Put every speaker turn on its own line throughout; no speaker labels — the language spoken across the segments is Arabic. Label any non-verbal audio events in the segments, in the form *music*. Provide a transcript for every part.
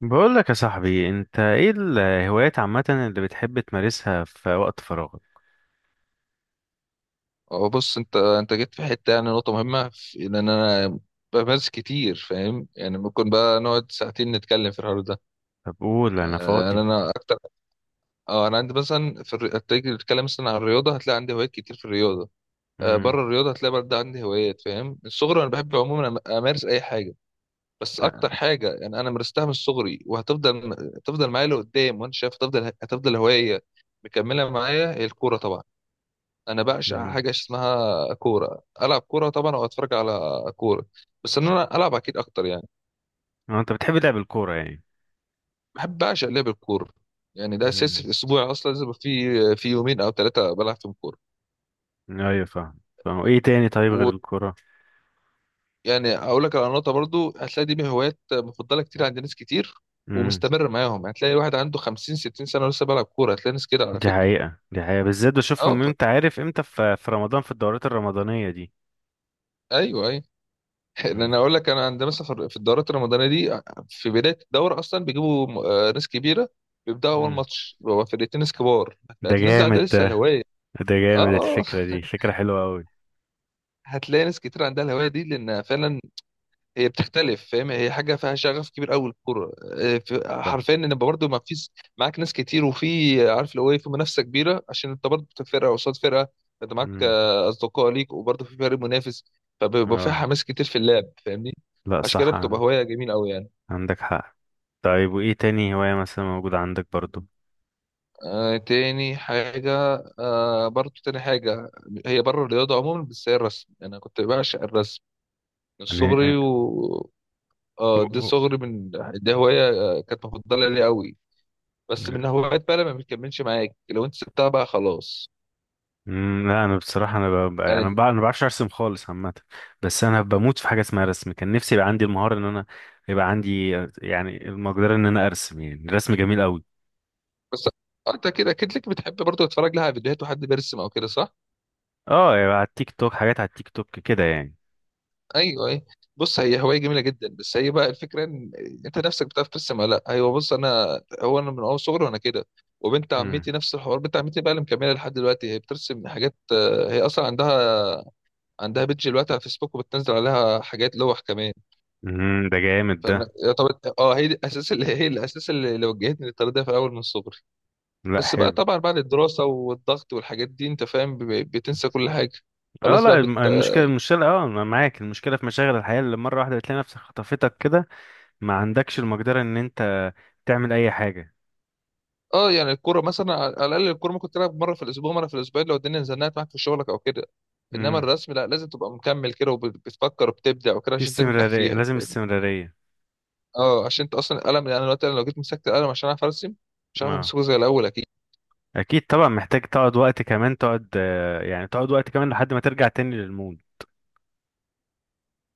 بقول لك يا صاحبي، انت ايه الهوايات عامة اللي بتحب تمارسها في وقت فراغك؟
هو بص انت جيت في حته، يعني نقطه مهمه في ان انا بمارس كتير فاهم. يعني ممكن بقى نقعد ساعتين نتكلم في الحوار ده.
طب قول، انا
يعني
فاضي.
انا اكتر. اه انا عندي مثلا تيجي تتكلم مثلا عن الرياضه هتلاقي عندي هوايات كتير في الرياضه. بره
امم.
الرياضه هتلاقي برضه عندي هوايات فاهم، من الصغر انا بحب عموما امارس اي حاجه. بس اكتر حاجه يعني انا مارستها من صغري وهتفضل معايا لقدام، وانا شايف هتفضل هوايه مكمله معايا، هي الكوره طبعا. انا بعشق
امم.
حاجه اسمها كوره، العب كوره طبعا او اتفرج على كوره، بس ان انا العب اكيد اكتر يعني.
انت بتحب لعب الكورة يعني؟
بحب بعشق لعب الكوره. يعني ده
امم.
اساس في اسبوعي، اصلا لازم يبقى في يومين او 3 بلعب فيهم كوره.
ايوه، فاهم. فاهم ايه تاني؟ طيب غير الكورة؟
ويعني اقول لك على نقطه برضو، هتلاقي دي من هوايات مفضله كتير عند ناس كتير
امم.
ومستمر معاهم، هتلاقي واحد عنده 50 60 سنه ولسه بيلعب كوره، هتلاقي ناس كده على
دي
فكره.
حقيقة، دي حقيقة، بالذات
اه
بشوفهم. انت عارف امتى؟ في رمضان، في الدورات الرمضانية دي.
ايوه ايوه. لان
امم.
انا اقول لك انا عندنا مثلا في الدورات الرمضانيه دي، في بدايه الدوره اصلا بيجيبوا ناس كبيره، بيبداوا اول
امم.
ماتش بيبقى فرقتين ناس كبار،
ده
هتلاقي الناس دي
جامد
عندها لسه
ده.
الهوايه.
ده جامد،
اه اه
الفكرة دي
*laughs*
فكرة حلوة قوي.
هتلاقي ناس كتير عندها الهوايه دي لان فعلا هي بتختلف فاهم، هي حاجه فيها شغف كبير قوي الكوره،
صح.
حرفيا ان يبقى برضه ما فيش معاك ناس كتير، وفي عارف لو ايه في منافسه كبيره عشان انت برضه فرقه قصاد فرقه، انت معاك
امم.
اصدقاء ليك وبرضه في فريق منافس، فبيبقى فيها
اه،
حماس كتير في اللعب فاهمني.
لا،
عشان كده
صح.
بتبقى هوايه جميله قوي يعني.
عندك حق. طيب، وايه تاني هواية مثلا موجودة عندك برضو؟
آه تاني حاجة آه برضو تاني حاجة، هي بره الرياضة عموما، بس هي الرسم، أنا كنت بعشق الرسم من صغري.
يعني.
و آه
أو-
دي
أو-
صغري من دي هواية كانت مفضلة لي قوي، بس من
لا.
هوايات بقى لما بتكملش معاك لو أنت سبتها بقى خلاص.
لا، انا بصراحه، انا ب... ب- انا
يعني
ب... انا ما بعرفش ارسم خالص عامه. بس انا بموت في حاجه اسمها رسم. كان نفسي يبقى عندي المهاره ان انا يبقى عندي، يعني المقدره ان انا ارسم. يعني الرسم جميل قوي.
بس أنت كده أكيد لك، بتحب برضو تتفرج لها على فيديوهات وحد بيرسم أو كده، صح؟
اه، يبقى على التيك توك، حاجات على التيك توك كده يعني.
ايوه ايوه. بص هي هوايه جميله جدا، بس هي بقى الفكره ان انت نفسك بتعرف ترسم ولا لا. ايوه بص انا من اول صغري وانا كده، وبنت
امم.
عمتي نفس الحوار، بنت عمتي بقى اللي مكمله لحد دلوقتي هي بترسم حاجات، هي اصلا عندها بيدج دلوقتي على فيسبوك وبتنزل عليها حاجات لوح كمان.
امم. ده جامد ده.
فانا يا طب، اه هي دي الاساس اللي هي الاساس اللي وجهتني للطريق ده في الاول من صغري.
لا،
بس بقى
حلو.
طبعا بعد الدراسه والضغط والحاجات دي انت فاهم، بتنسى كل حاجه.
اه،
خلاص
لا،
بقى
المشكله، المشكله، اه انا معاك. المشكله في مشاغل الحياه اللي مره واحده بتلاقي نفسك خطفتك كده، ما عندكش المقدره ان انت تعمل اي حاجه.
اه يعني الكوره مثلا على الاقل، الكوره ممكن تلعب مره في الاسبوع مره في الاسبوعين لو الدنيا زنقت معاك في شغلك او كده. انما
امم.
الرسم لا، لازم تبقى مكمل كده وبتفكر وبتبدع وكده
في
عشان تنجح
استمراريه،
فيها.
لازم استمراريه.
اه عشان انت اصلا القلم، يعني دلوقتي انا لو جيت مسكت القلم عشان اعرف ارسم مش هعرف
اه،
امسكه زي الاول اكيد.
اكيد طبعا، محتاج تقعد وقت كمان. تقعد آه، يعني تقعد وقت كمان لحد ما ترجع تاني للمود.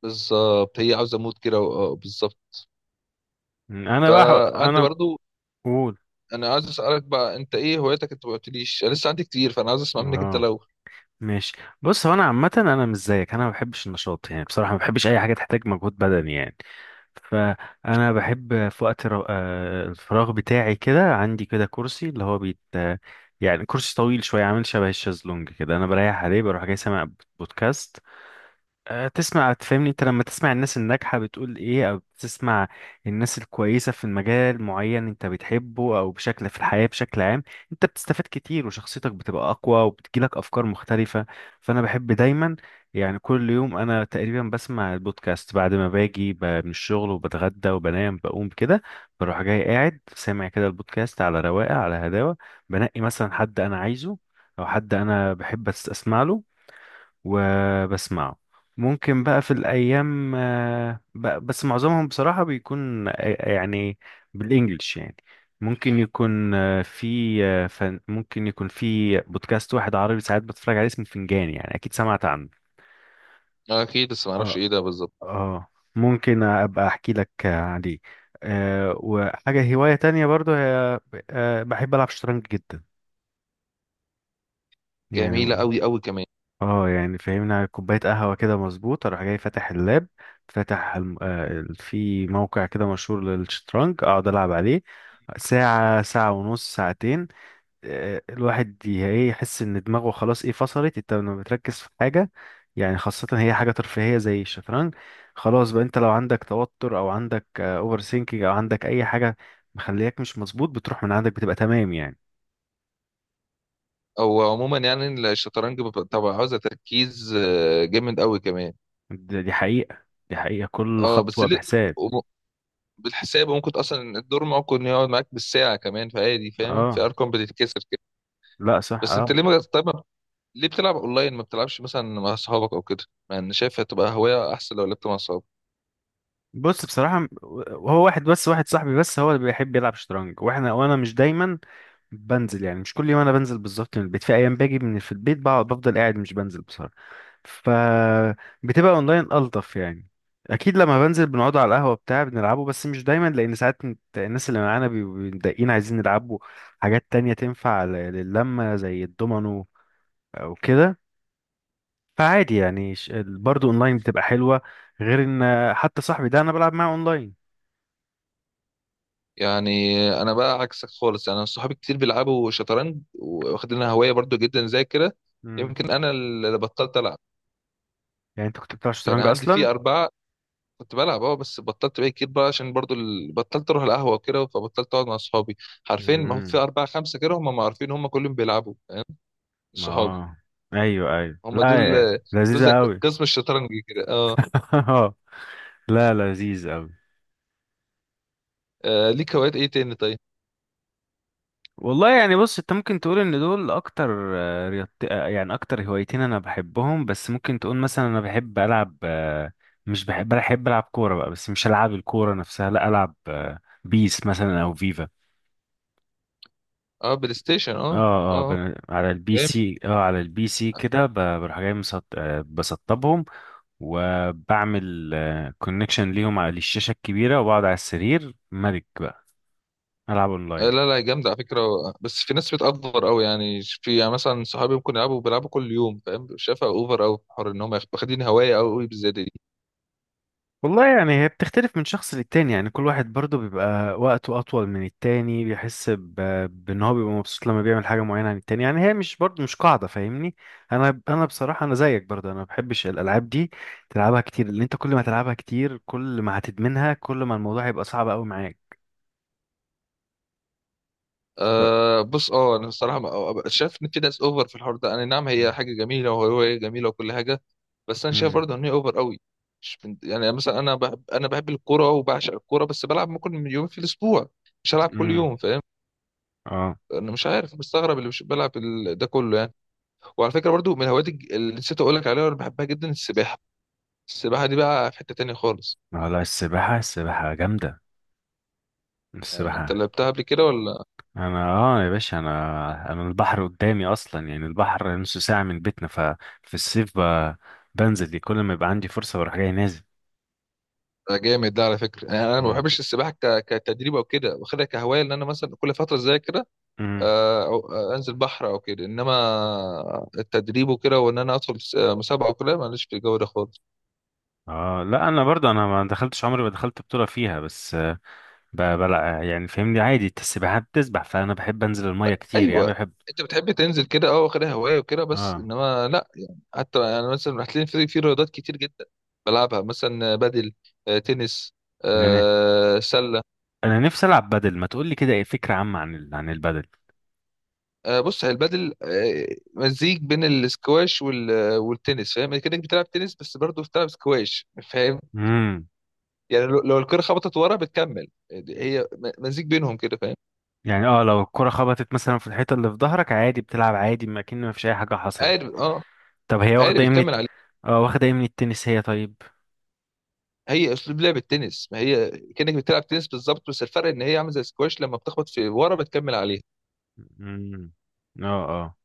بالظبط، هي عاوزه مود كده اه بالظبط.
انا بقى ح-
فعندي
انا
برضو،
بقول،
انا عايز اسالك بقى، انت ايه هواياتك؟ انت ما قلتليش، انا لسه عندي كتير، فانا عايز اسمع منك انت
اه،
الاول.
ماشي. بص، هو انا عامه انا مش زيك. انا ما بحبش النشاط، يعني بصراحه ما بحبش اي حاجه تحتاج مجهود بدني يعني. فانا بحب في وقت رو... آه، الفراغ بتاعي كده. عندي كده كرسي اللي هو بيت، يعني كرسي طويل شويه عامل شبه الشازلونج كده. انا بريح عليه، بروح جاي سامع بودكاست. تسمع، تفهمني؟ انت لما تسمع الناس الناجحة بتقول ايه، او بتسمع الناس الكويسة في المجال معين انت بتحبه او بشكل في الحياة بشكل عام، انت بتستفاد كتير، وشخصيتك بتبقى اقوى، وبتجيلك افكار مختلفة. فانا بحب دايما يعني. كل يوم انا تقريبا بسمع البودكاست بعد ما باجي من الشغل وبتغدى وبنام، بقوم كده بروح جاي قاعد سامع كده البودكاست على رواقة، على هداوة. بنقي مثلا حد انا عايزه، او حد انا بحب اسمع له، وبسمعه. ممكن بقى في الأيام، بس معظمهم بصراحة بيكون، يعني، بالإنجلش يعني. ممكن يكون في آه، فن ممكن يكون في بودكاست واحد عربي ساعات بتفرج عليه اسمه فنجان، يعني أكيد سمعت عنه.
اكيد، بس ما اعرفش
اه.
ايه ده بالظبط.
اه. ممكن أبقى أحكي لك عليه. وحاجة هواية تانية برضو، هي بحب ألعب شطرنج جدا يعني.
جميله قوي قوي كمان.
اه، يعني فهمنا كوباية قهوة كده مظبوط، اروح جاي فاتح اللاب، فاتح في موقع كده مشهور للشطرنج، اقعد العب عليه ساعة، ساعة ونص، ساعتين. الواحد ايه يحس ان دماغه خلاص، ايه فصلت. انت لما بتركز في حاجة يعني، خاصة هي حاجة ترفيهية زي الشطرنج، خلاص بقى، انت لو عندك توتر او عندك اوفر سينكينج او عندك اي حاجة مخلياك مش مظبوط، بتروح من عندك، بتبقى تمام يعني.
هو عموما يعني الشطرنج بيبقى طبعا عاوزة تركيز جامد قوي كمان.
دي حقيقة. دي حقيقة، كل
اه بس
خطوة
ليه
بحساب.
وم- بالحساب ممكن اصلا الدور ممكن يقعد معاك بالساعة كمان، فعادي فاهم، في
اه،
ارقام بتتكسر كده.
لا، صح،
بس انت
اه.
ليه ما طيب ليه بتلعب اونلاين، ما بتلعبش مثلا مع اصحابك او كده؟ مع ان شايف هتبقى هواية احسن لو لعبت مع اصحابك.
بص بصراحة، هو واحد، بس واحد صاحبي بس هو اللي بيحب يلعب شطرنج. وانا مش دايما بنزل يعني. مش كل يوم انا بنزل بالظبط من البيت. في ايام باجي من، في البيت بقعد بفضل قاعد مش بنزل بصراحة. فبتبقى اونلاين الطف يعني. اكيد لما بنزل بنقعد على القهوة بتاع بنلعبه، بس مش دايما، لان ساعات الناس اللي معانا بيبقوا متضايقين عايزين يلعبوا حاجات تانية تنفع للمة زي الدومينو او كده. فعادي يعني، برضه اونلاين بتبقى حلوة. غير ان حتى صاحبي ده انا بلعب معاه اونلاين.
يعني انا بقى عكسك خالص، يعني انا صحابي كتير بيلعبوا شطرنج واخدينها هواية برضو جدا زي كده.
مم.
يمكن انا اللي بطلت العب.
يعني انت كنت بتلعب
يعني
شطرنج
عندي في
اصلا؟
4 كنت بلعب، بس بطلت بقى كتير بقى عشان برضو بطلت اروح القهوه وكده، فبطلت اقعد مع اصحابي، عارفين، ما هو في
امم.
اربعه خمسه كده، هم ما عارفين، هم كلهم بيلعبوا فاهم؟ صحابي،
اه، ايوه، ايوه،
هم دول
لا،
دول زي
لذيذه قوي.
قسم الشطرنج كده اه.
*laughs* لا، لذيذ قوي.
ليك هوايات ايه تاني طيب؟
والله يعني، بص، انت ممكن تقول ان دول اكتر آه، رياضت... آه، يعني، اكتر هوايتين انا بحبهم. بس ممكن تقول مثلا، انا بحب العب، مش بحب، بحب العب كوره بقى، بس مش العب الكوره نفسها، لا، العب بيس مثلا او فيفا.
اه، بلاي ستيشن، اه.
اه، اه،
اه
على البي
جامد.
سي، اه، على البي سي كده. بروح جاي مسط... آه، بسطبهم، وبعمل كونكشن ليهم على الشاشة الكبيرة، وبقعد على السرير ملك بقى، ألعب أونلاين.
لا لا جامد على فكره، بس في ناس بتأفور قوي يعني، في يعني مثلا صحابي ممكن يلعبوا كل يوم فاهم، شايفها اوفر قوي، حر ان هم واخدين هوايه قوي بالزياده دي.
والله يعني، هي بتختلف من شخص للتاني يعني. كل واحد برضه بيبقى وقته أطول من التاني، بيحس بإن هو بيبقى مبسوط لما بيعمل حاجة معينة عن التاني. يعني هي مش برضه مش قاعدة، فاهمني؟ أنا بصراحة، أنا زيك برضه، أنا ما بحبش الألعاب دي تلعبها كتير، لأن أنت كل ما تلعبها كتير كل ما هتدمنها، كل ما الموضوع هيبقى صعب أوي معاك. ف...
أه بص انا الصراحه شايف ان في ناس اوفر في الحوار ده. انا نعم هي حاجه جميله وهوايه جميله وكل حاجه، بس انا شايف
مم.
برضه ان هي اوفر قوي. مش بنت... يعني مثلا، انا بحب الكوره وبعشق الكوره، بس بلعب ممكن يومين في الاسبوع، مش هلعب كل
مم.
يوم فاهم.
اه،
انا مش عارف مستغرب اللي مش بلعب ده كله يعني. وعلى فكره برضه من الهوايات اللي نسيت اقول لك عليها وانا بحبها جدا، السباحه. السباحه دي بقى في حته تانية خالص،
لا، السباحة، السباحة جامدة.
يعني انت
السباحة.
لعبتها قبل كده ولا؟
أنا، يا باشا، أنا البحر قدامي أصلا يعني. البحر نص ساعة من بيتنا. ففي الصيف بنزل دي كل ما يبقى عندي فرصة، بروح جاي نازل.
ده جامد ده على فكرة، يعني انا ما
مم.
بحبش السباحه كتدريب او كده، واخدها كهوايه ان انا مثلا كل فتره اذاكر،
مم.
انزل بحر او كده، انما التدريب وكده وان انا ادخل مسابقه وكده ماليش في الجو ده خالص.
لا، أنا برضه، أنا ما دخلتش، عمري ما دخلت بطولة فيها، بس آه، ب... بلع يعني فاهمني عادي. أنت السباحة بتسبح، فأنا بحب أنزل المية كتير يعني. أنا
ايوه،
بحب.
انت بتحب تنزل كده اه، واخدها هوايه وكده، بس
آه
انما لا، يعني حتى انا مثلا هتلاقي في رياضات كتير جدا بلعبها مثلا بدل، تنس،
إن أنا
سله.
أنا نفسي ألعب بدل. ما تقول لي كده، إيه فكرة عامة عن عن البدل؟
بص هي البدل، مزيج بين الاسكواش والتنس، فاهم كده بتلعب تنس بس برضه بتلعب سكواش فاهم.
مم.
يعني لو الكره خبطت ورا بتكمل، يعني هي مزيج بينهم كده فاهم.
يعني، اه، لو الكرة خبطت مثلا في الحيطة اللي في ظهرك، عادي بتلعب عادي، ما كأن ما فيش أي حاجة حصلت.
قارب اه
طب هي
قارب
واخدة ايه من
بتكمل عليه.
اه، واخدة ايه من التنس هي طيب؟
هي اسلوب لعب التنس، ما هي كانك بتلعب تنس بالظبط، بس الفرق ان هي عامله زي السكواش لما بتخبط في ورا بتكمل عليها.
مم. اه، اه،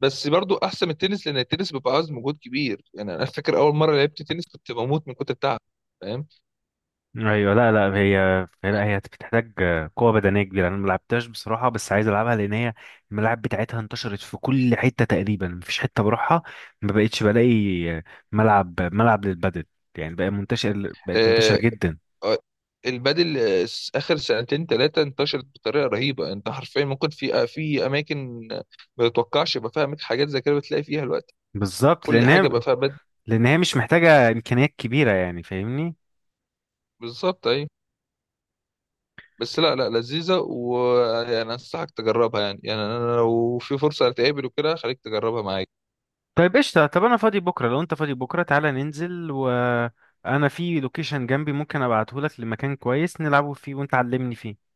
بس برضو احسن من التنس لان التنس بيبقى عاوز مجهود كبير، يعني انا فاكر اول مره لعبت تنس كنت بموت من كتر التعب فاهم.
ايوه. لا، لا، هي بتحتاج قوة بدنية كبيرة. انا ملعبتهاش بصراحة بس عايز العبها، لان هي الملاعب بتاعتها انتشرت في كل حتة تقريبا، مفيش حتة بروحها ما بقتش بلاقي ملعب، ملعب للبدل. يعني بقى منتشر، بقت منتشرة
آه
جدا.
آه، البادل، اخر سنتين 3 انتشرت بطريقه رهيبه، انت حرفيا ممكن في اماكن ما تتوقعش يبقى فيها حاجات زي كده بتلاقي فيها الوقت،
بالظبط،
كل
لان
حاجه
هي
بقى فيها بدل.
لان هي مش محتاجة امكانيات كبيرة يعني، فاهمني؟
بالظبط ايوه. بس لا لا لذيذة، ويعني أنصحك تجربها، يعني أنا لو في فرصة هتقابل وكده خليك تجربها معايا.
طيب، قشطة. طب أنا فاضي بكرة، لو أنت فاضي بكرة تعالى ننزل. وأنا في لوكيشن جنبي ممكن أبعتهولك لمكان كويس نلعبه فيه، وأنت علمني فيه.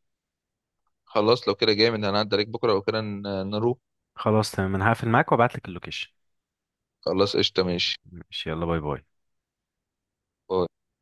خلاص لو كده جامد، هنعدي عليك بكرة لو كده نروح.
خلاص تمام، أنا هقفل معاك وأبعتلك اللوكيشن.
خلاص قشطة ماشي.
ماشي، يلا، باي باي.
باي.